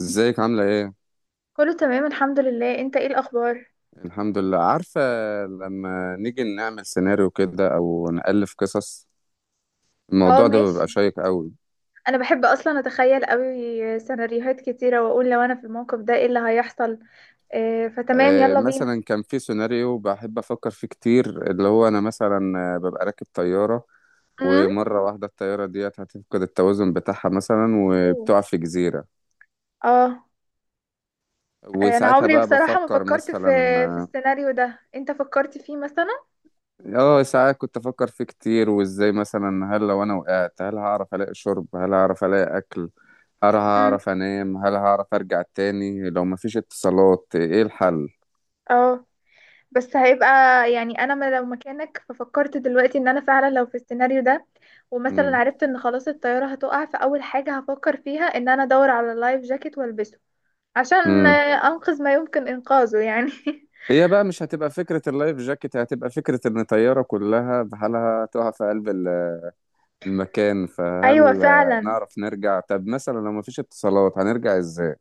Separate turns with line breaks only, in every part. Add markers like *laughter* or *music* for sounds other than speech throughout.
ازيك؟ عاملة ايه؟
كله تمام الحمد لله، انت ايه الاخبار؟
الحمد لله. عارفة، لما نيجي نعمل سيناريو كده او نألف قصص،
اه
الموضوع ده
ماشي.
بيبقى شيق قوي.
انا بحب اصلا اتخيل قوي سيناريوهات كتيره واقول لو انا في الموقف ده ايه اللي هيحصل. آه فتمام يلا بينا.
مثلا كان في سيناريو بحب افكر فيه كتير، اللي هو انا مثلا، ببقى راكب طيارة،
امم
ومرة واحدة الطيارة ديت هتفقد التوازن بتاعها مثلا، وبتقع في جزيرة.
اه انا
وساعتها
عمري
بقى
بصراحه ما
بفكر
فكرت في في
مثلا.
السيناريو ده، انت فكرت فيه مثلا؟
اه، ساعات كنت افكر فيه كتير، وازاي مثلا، هل لو انا وقعت هل هعرف الاقي شرب؟ هل هعرف الاقي اكل؟ هل
امم
هعرف انام؟ هل هعرف ارجع تاني؟ لو مفيش اتصالات ايه الحل؟
اه بس هيبقى يعني، انا ما لو مكانك ففكرت دلوقتي ان انا فعلا لو في السيناريو ده ومثلا
امم
عرفت ان خلاص الطياره هتقع، فاول حاجه هفكر فيها ان انا ادور على لايف جاكيت والبسه عشان
امم
أنقذ ما يمكن إنقاذه يعني. *laughs*
هي بقى مش هتبقى فكرة اللايف جاكيت، هتبقى فكرة ان طيارة كلها بحالها تقع في قلب المكان.
أيوة
فهل
فعلا.
نعرف نرجع؟ طب مثلا لو مفيش اتصالات هنرجع ازاي؟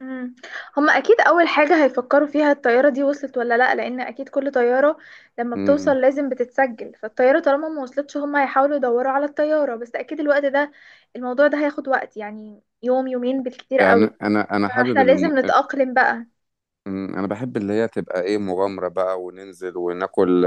مم. هما أكيد أول حاجة هيفكروا فيها الطيارة دي وصلت ولا لأ، لأن أكيد كل طيارة لما بتوصل
امم
لازم بتتسجل، فالطيارة طالما ما وصلتش هما هيحاولوا يدوروا على الطيارة، بس أكيد الوقت ده الموضوع ده هياخد وقت يعني يوم يومين بالكتير قوي،
يعني انا حابب
فاحنا
الم...
لازم نتأقلم بقى.
انا بحب اللي هي تبقى ايه، مغامرة بقى، وننزل وناكل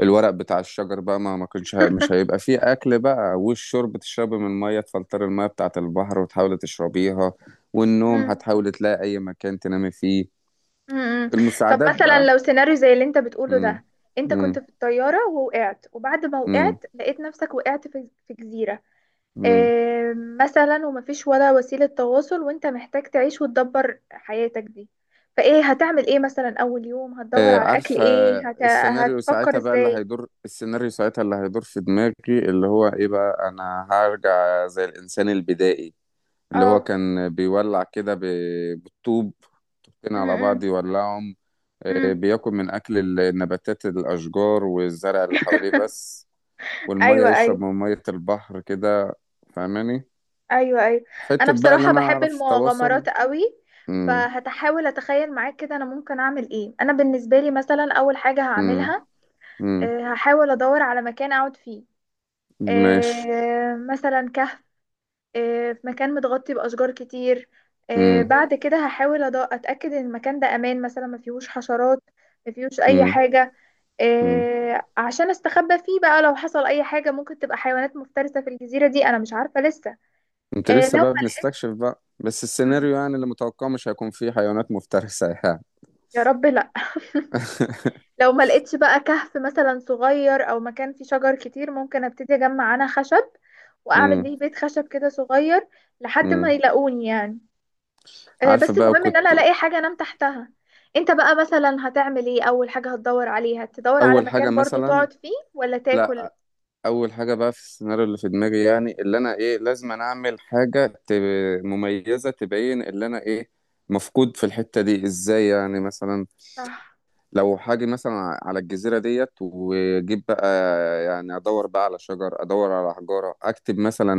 الورق بتاع الشجر بقى، ما كانش مش هيبقى فيه اكل بقى. والشرب تشربي من الميه، تفلتر الميه بتاعه البحر وتحاولي تشربيها. والنوم
مم.
هتحاولي تلاقي اي مكان تنامي فيه.
مم. طب
المساعدات
مثلا
بقى.
لو سيناريو زي اللي انت بتقوله
امم
ده، انت كنت
امم
في الطيارة ووقعت وبعد ما
امم
وقعت لقيت نفسك وقعت في في جزيرة،
امم
مثلا ومفيش ولا وسيلة تواصل وانت محتاج تعيش وتدبر حياتك دي، فايه هتعمل ايه مثلا؟ اول يوم هتدور
آه،
على اكل
عارفه.
ايه؟
السيناريو
هتفكر
ساعتها بقى اللي
ازاي؟
هيدور، السيناريو ساعتها اللي هيدور في دماغي اللي هو ايه بقى، انا هرجع زي الانسان البدائي اللي هو
اه.
كان بيولع كده بالطوب، طوبتين على بعض
امم.
يولعهم.
امم.
بياكل من أكل النباتات، الأشجار والزرع اللي حواليه بس. والمية
ايوه
يشرب
ايوه
من مية البحر كده. فاهماني؟
ايوه ايوه انا
حتة بقى اللي
بصراحة
أنا
بحب
أعرف تواصل.
المغامرات قوي.
مم.
فهتحاول اتخيل معاك كده انا ممكن اعمل ايه. انا بالنسبة لي مثلا اول حاجة
مم.
هعملها،
مم.
هحاول ادور على مكان اقعد فيه،
ماشي.
مثلا كهف، في مكان متغطي بأشجار كتير.
مم.
بعد كده هحاول أتأكد إن المكان ده أمان، مثلا ما فيهوش حشرات، ما فيهوش أي
مم.
حاجة،
مم.
عشان أستخبى فيه بقى لو حصل أي حاجة، ممكن تبقى حيوانات مفترسة في الجزيرة دي، أنا مش عارفة لسه.
أنت
آه،
لسه
لو
بقى بنستكشف بقى، بس
*laughs*
السيناريو يعني اللي متوقعه مش هيكون فيه حيوانات مفترسة يعني.
يا رب لأ. *laughs*
*laughs*
لو ما لقيتش بقى كهف مثلا صغير أو مكان فيه شجر كتير، ممكن أبتدي أجمع أنا خشب وأعمل
مم.
بيه بيت خشب كده صغير لحد ما
مم.
يلاقوني يعني.
عارفة
بس
بقى،
المهم ان انا
وكنت
الاقي حاجه انام تحتها. انت بقى مثلا هتعمل ايه؟ اول حاجه هتدور عليها تدور على
أول حاجة
مكان برضو
مثلا.
تقعد فيه ولا تاكل؟
لا، اول حاجه بقى في السيناريو اللي في دماغي، يعني اللي انا ايه، لازم أنا اعمل حاجه مميزه تبين اللي انا ايه مفقود في الحته دي ازاي، يعني مثلا
صح.
لو حاجه مثلا على الجزيره ديت، واجيب بقى يعني، ادور بقى على شجر، ادور على حجاره، اكتب مثلا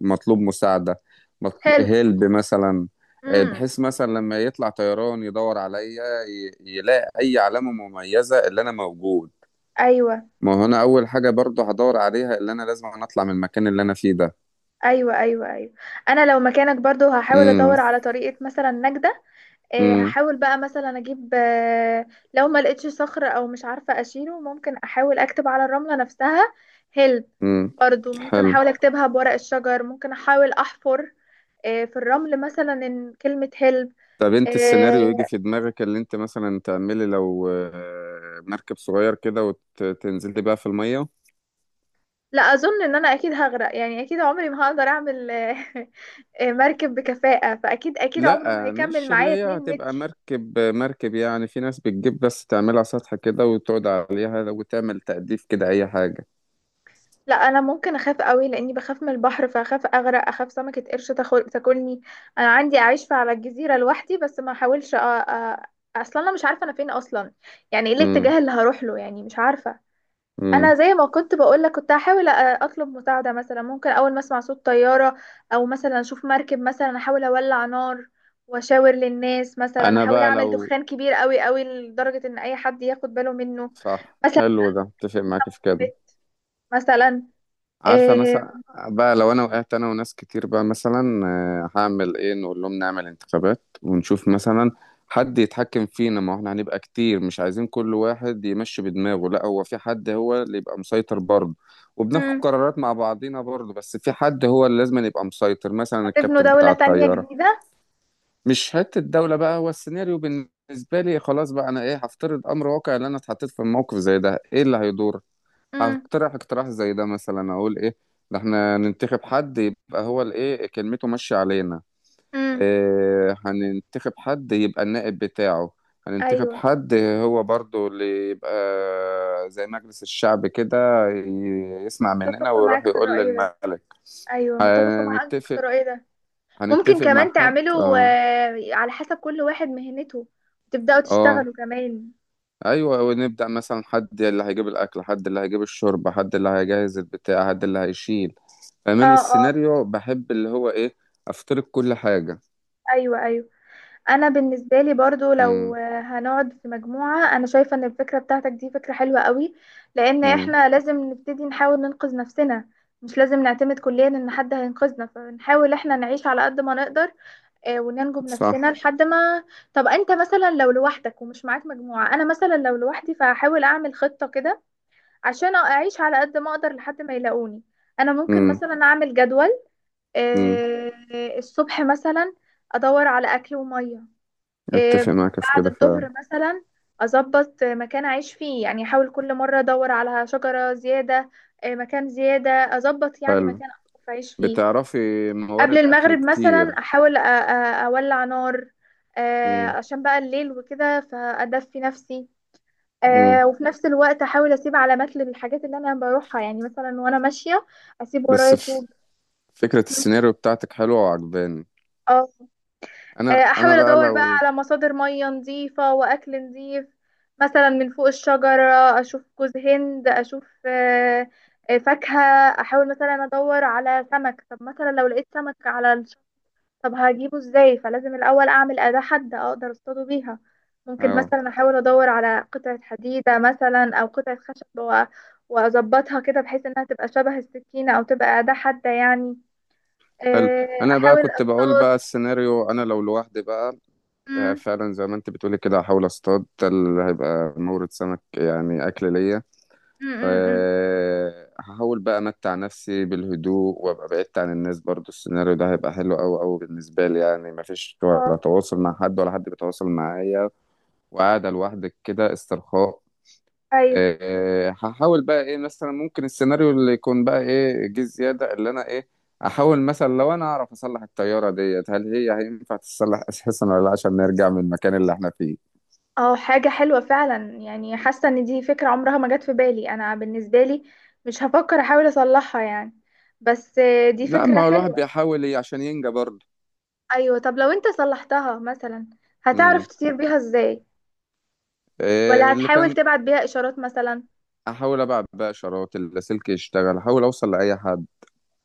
مطلوب مساعده.
هيلب.
هلب مثلا.
امم.
بحيث مثلا لما يطلع طيران يدور عليا يلاقي اي علامه مميزه اللي انا موجود.
ايوه
ما هو انا اول حاجه برضو هدور عليها اللي انا لازم أنا اطلع من المكان اللي انا فيه ده.
ايوه ايوه ايوه انا لو مكانك برضو هحاول
امم
ادور على طريقه مثلا نجده.
امم
هحاول بقى مثلا اجيب لو ما لقيتش صخر او مش عارفه اشيله، ممكن احاول اكتب على الرمله نفسها هيلب.
امم
برضو ممكن
حلو.
احاول اكتبها بورق الشجر، ممكن احاول احفر في الرمل مثلا إن كلمه هيلب.
طب انت
إيه،
السيناريو يجي في دماغك اللي انت مثلا تعملي لو مركب صغير كده وتنزلي بقى في الميه؟
لا اظن ان انا اكيد هغرق يعني، اكيد عمري ما هقدر اعمل إيه، *laughs* مركب بكفاءة، فاكيد اكيد عمره ما
لا،
هيكمل
مش اللي
معايا
هي
2
هتبقى
متر.
مركب مركب، يعني في ناس بتجيب بس تعملها سطح كده وتقعد عليها وتعمل تأديف كده، اي حاجه.
لا انا ممكن اخاف قوي لاني بخاف من البحر، فاخاف اغرق، اخاف سمكة قرش تاكلني. انا عندي اعيش على الجزيرة لوحدي بس ما احاولش اصلا انا مش عارفة انا فين اصلا، يعني ايه
امم
الاتجاه اللي هروح له؟ يعني مش عارفة. انا
امم
زي ما كنت بقولك كنت هحاول اطلب مساعده، مثلا ممكن اول ما اسمع صوت طياره او مثلا اشوف مركب، مثلا احاول اولع نار واشاور للناس، مثلا
انا
احاول
بقى
اعمل
لو،
دخان كبير قوي قوي لدرجه ان اي حد ياخد باله منه.
صح،
مثلا
حلو ده، اتفق معاك في كده.
مثلا،
عارفة
إيه.
مثلا، بقى لو أنا وقعت أنا وناس كتير بقى مثلا، هعمل إيه؟ نقول لهم نعمل انتخابات ونشوف مثلا حد يتحكم فينا، ما هو احنا هنبقى كتير مش عايزين كل واحد يمشي بدماغه، لا، هو في حد هو اللي يبقى مسيطر برضه، وبناخد
مم،
قرارات مع بعضينا برضه، بس في حد هو اللي لازم يبقى مسيطر، مثلا
هتبنوا
الكابتن
دوله
بتاع
تانية
الطيارة.
جديده؟
مش حتة الدولة بقى، هو السيناريو بالنسبة لي خلاص بقى، أنا إيه، هفترض أمر واقع اللي أنا اتحطيت في موقف زي ده إيه اللي هيدور.
امم.
هقترح اقتراح زي ده، مثلا اقول ايه، ده احنا ننتخب حد يبقى هو الايه، كلمته ماشيه علينا.
امم.
إيه، هننتخب حد يبقى النائب بتاعه، هننتخب
ايوه
حد هو برضو اللي يبقى زي مجلس الشعب كده، يسمع مننا
متفقه
ويروح
معاك في
يقول
الراي ده.
للملك.
ايوه متفقه معاك في
هنتفق،
الراي ده. ممكن
هنتفق مع
كمان
حد.
تعملوا
اه،
على حسب كل واحد مهنته تبدأوا
اه،
تشتغلوا كمان.
ايوه. ونبدأ مثلا حد اللي هيجيب الاكل، حد اللي هيجيب الشرب، حد اللي هيجهز البتاع، حد اللي هيشيل. فمن
اه اه.
السيناريو بحب اللي هو ايه، افترض كل حاجة.
ايوه، ايوه، انا بالنسبه لي برضو لو
امم
هنقعد في مجموعه، انا شايفه ان الفكره بتاعتك دي فكره حلوه قوي، لان
امم
احنا لازم نبتدي نحاول ننقذ نفسنا، مش لازم نعتمد كليا ان حد هينقذنا، فنحاول احنا نعيش على قد ما نقدر، وننجو بنفسنا
صح.
لحد ما. طب انت مثلا لو لوحدك ومش معاك مجموعه؟ انا مثلا لو لوحدي فهحاول اعمل خطه كده عشان اعيش على قد ما اقدر لحد ما يلاقوني. انا ممكن
امم
مثلا اعمل جدول،
امم
آه، الصبح مثلا ادور على اكل وميه، آه،
اتفق معاك في
بعد
كده فعلا.
الظهر مثلا اظبط مكان اعيش فيه، يعني احاول كل مره ادور على شجره زياده، مكان زياده اظبط يعني
حلو.
مكان أعرف اعيش فيه.
بتعرفي
قبل
موارد اكل
المغرب مثلا
كتير.
احاول اولع نار
امم
عشان بقى الليل وكده فادفي نفسي.
امم
وفي نفس الوقت احاول اسيب علامات للحاجات اللي انا بروحها، يعني مثلا وانا ماشيه اسيب ورايا
بس
طوب.
فكرة السيناريو بتاعتك حلوة وعجباني.
اه.
انا
احاول
انا بقى
ادور بقى
لو.
على مصادر مية نظيفة واكل نظيف، مثلا من فوق الشجرة اشوف جوز هند، اشوف فاكهة. احاول مثلا ادور على سمك. طب مثلا لو لقيت سمك على الشط، طب هجيبه ازاي؟ فلازم الاول اعمل اداة حادة اقدر اصطاده بيها. ممكن
اه،
مثلا احاول ادور على قطعة حديدة مثلا او قطعة خشب واظبطها كده بحيث انها تبقى شبه السكينة او تبقى اداة حادة يعني.
حلو.
آه،
انا بقى
احاول
كنت بقول
اصطاد.
بقى السيناريو انا لو لوحدي بقى.
مم،
فعلا زي ما انت بتقولي كده هحاول اصطاد، ده اللي هيبقى مورد سمك يعني اكل ليا.
مم، مم، مم.
هحاول بقى امتع نفسي بالهدوء وابقى بعدت عن الناس. برضو السيناريو ده هيبقى حلو قوي قوي بالنسبه لي، يعني مفيش ولا
اه.
تواصل مع حد ولا حد بيتواصل معايا، وقاعده لوحدك كده استرخاء.
ايوه.
هحاول بقى ايه، مثلا ممكن السيناريو اللي يكون بقى ايه جه زياده اللي انا ايه، احاول مثلا لو انا اعرف اصلح الطياره ديت هل هي هينفع تتصلح اساسا ولا لا، عشان نرجع من المكان اللي احنا فيه.
اه حاجة حلوة فعلا، يعني حاسة ان دي فكرة عمرها ما جت في بالي. انا بالنسبة لي مش هفكر احاول اصلحها يعني، بس دي
لا، ما
فكرة
هو الواحد
حلوة.
بيحاول عشان ينجى برضه.
ايوه طب لو انت صلحتها مثلا، هتعرف
امم
تطير بيها ازاي ولا
إيه اللي
هتحاول
كان.
تبعت بيها اشارات مثلا؟
احاول ابعت بقى اشارات، اللاسلكي يشتغل احاول اوصل لاي حد.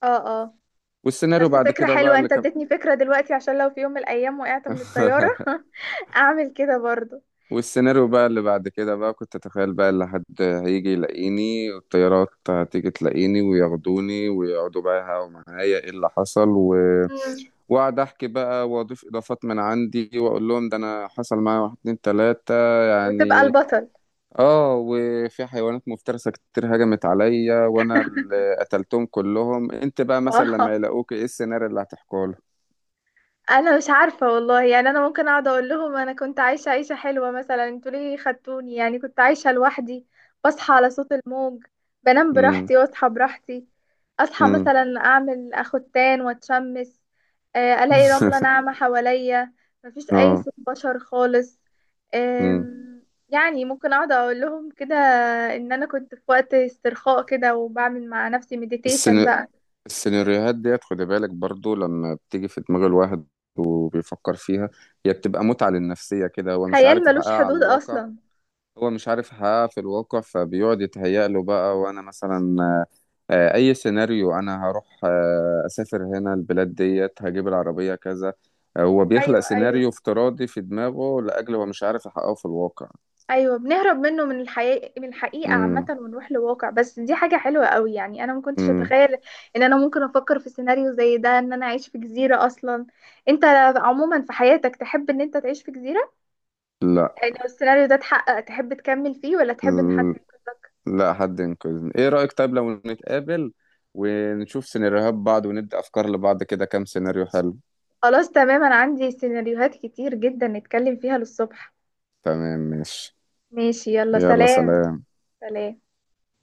اه. اه.
والسيناريو
بس
بعد
فكرة
كده بقى
حلوة،
اللي
انت
كان.
اديتني فكرة دلوقتي عشان لو في يوم من الايام وقعت من الطيارة
*laughs*
*laughs* اعمل كده برضو.
والسيناريو بقى اللي بعد كده بقى كنت اتخيل بقى اللي حد هيجي يلاقيني، والطيارات هتيجي تلاقيني وياخدوني ويقعدوا بقى يهاوا معايا ايه اللي حصل
مم.
واقعد احكي بقى واضيف اضافات من عندي واقول لهم ده انا حصل معايا واحد اتنين تلاتة
وتبقى
يعني.
البطل.
اه، وفي حيوانات مفترسة كتير هجمت عليا وانا اللي قتلتهم كلهم. انت بقى مثلا لما
*laughs*
يلاقوك ايه السيناريو اللي هتحكوا له؟
انا مش عارفه والله يعني، انا ممكن اقعد اقول لهم انا كنت عايشه عيشه حلوه، مثلا انتوا ليه خدتوني؟ يعني كنت عايشه لوحدي، بصحى على صوت الموج، بنام
امم
براحتي واصحى براحتي، اصحى
امم
مثلا اعمل اخدتان واتشمس، الاقي رمله
*laughs*
ناعمه حواليا، مفيش اي
اه.
صوت بشر خالص.
امم
آم، يعني ممكن اقعد اقول لهم كده ان انا كنت في وقت استرخاء كده وبعمل مع نفسي مديتيشن
السينا-
بقى.
السيناريوهات ديت خد بالك برضو لما بتيجي في دماغ الواحد وبيفكر فيها، هي بتبقى متعة للنفسية كده، هو مش
خيال
عارف
ملوش
يحققها على
حدود
الواقع.
اصلا.
هو مش عارف يحققها في الواقع، فبيقعد يتهيأ له بقى. وانا مثلا اي سيناريو انا هروح، اسافر هنا، البلاد ديت هجيب العربية كذا. هو بيخلق
ايوه
سيناريو
ايوه
افتراضي في دماغه لاجل هو مش عارف يحققه في الواقع.
ايوه بنهرب منه، من الحقيقة، من الحقيقة عامة،
امم
ونروح لواقع، بس دي حاجة حلوة قوي يعني. انا ما كنتش
امم
اتخيل ان انا ممكن افكر في سيناريو زي ده ان انا اعيش في جزيرة اصلا. انت عموما في حياتك تحب ان انت تعيش في جزيرة؟
لا.
يعني لو السيناريو ده اتحقق تحب تكمل فيه ولا تحب ان حد
ال-
ينقذك؟
لا، حد ينقذني. ايه رأيك طيب لو نتقابل ونشوف سيناريوهات بعض وندي افكار لبعض كده، كام سيناريو حلو.
خلاص تمام، انا عندي سيناريوهات كتير جدا نتكلم فيها للصبح.
تمام، ماشي.
ماشي يلا
يلا
سلام.
سلام.
سلام.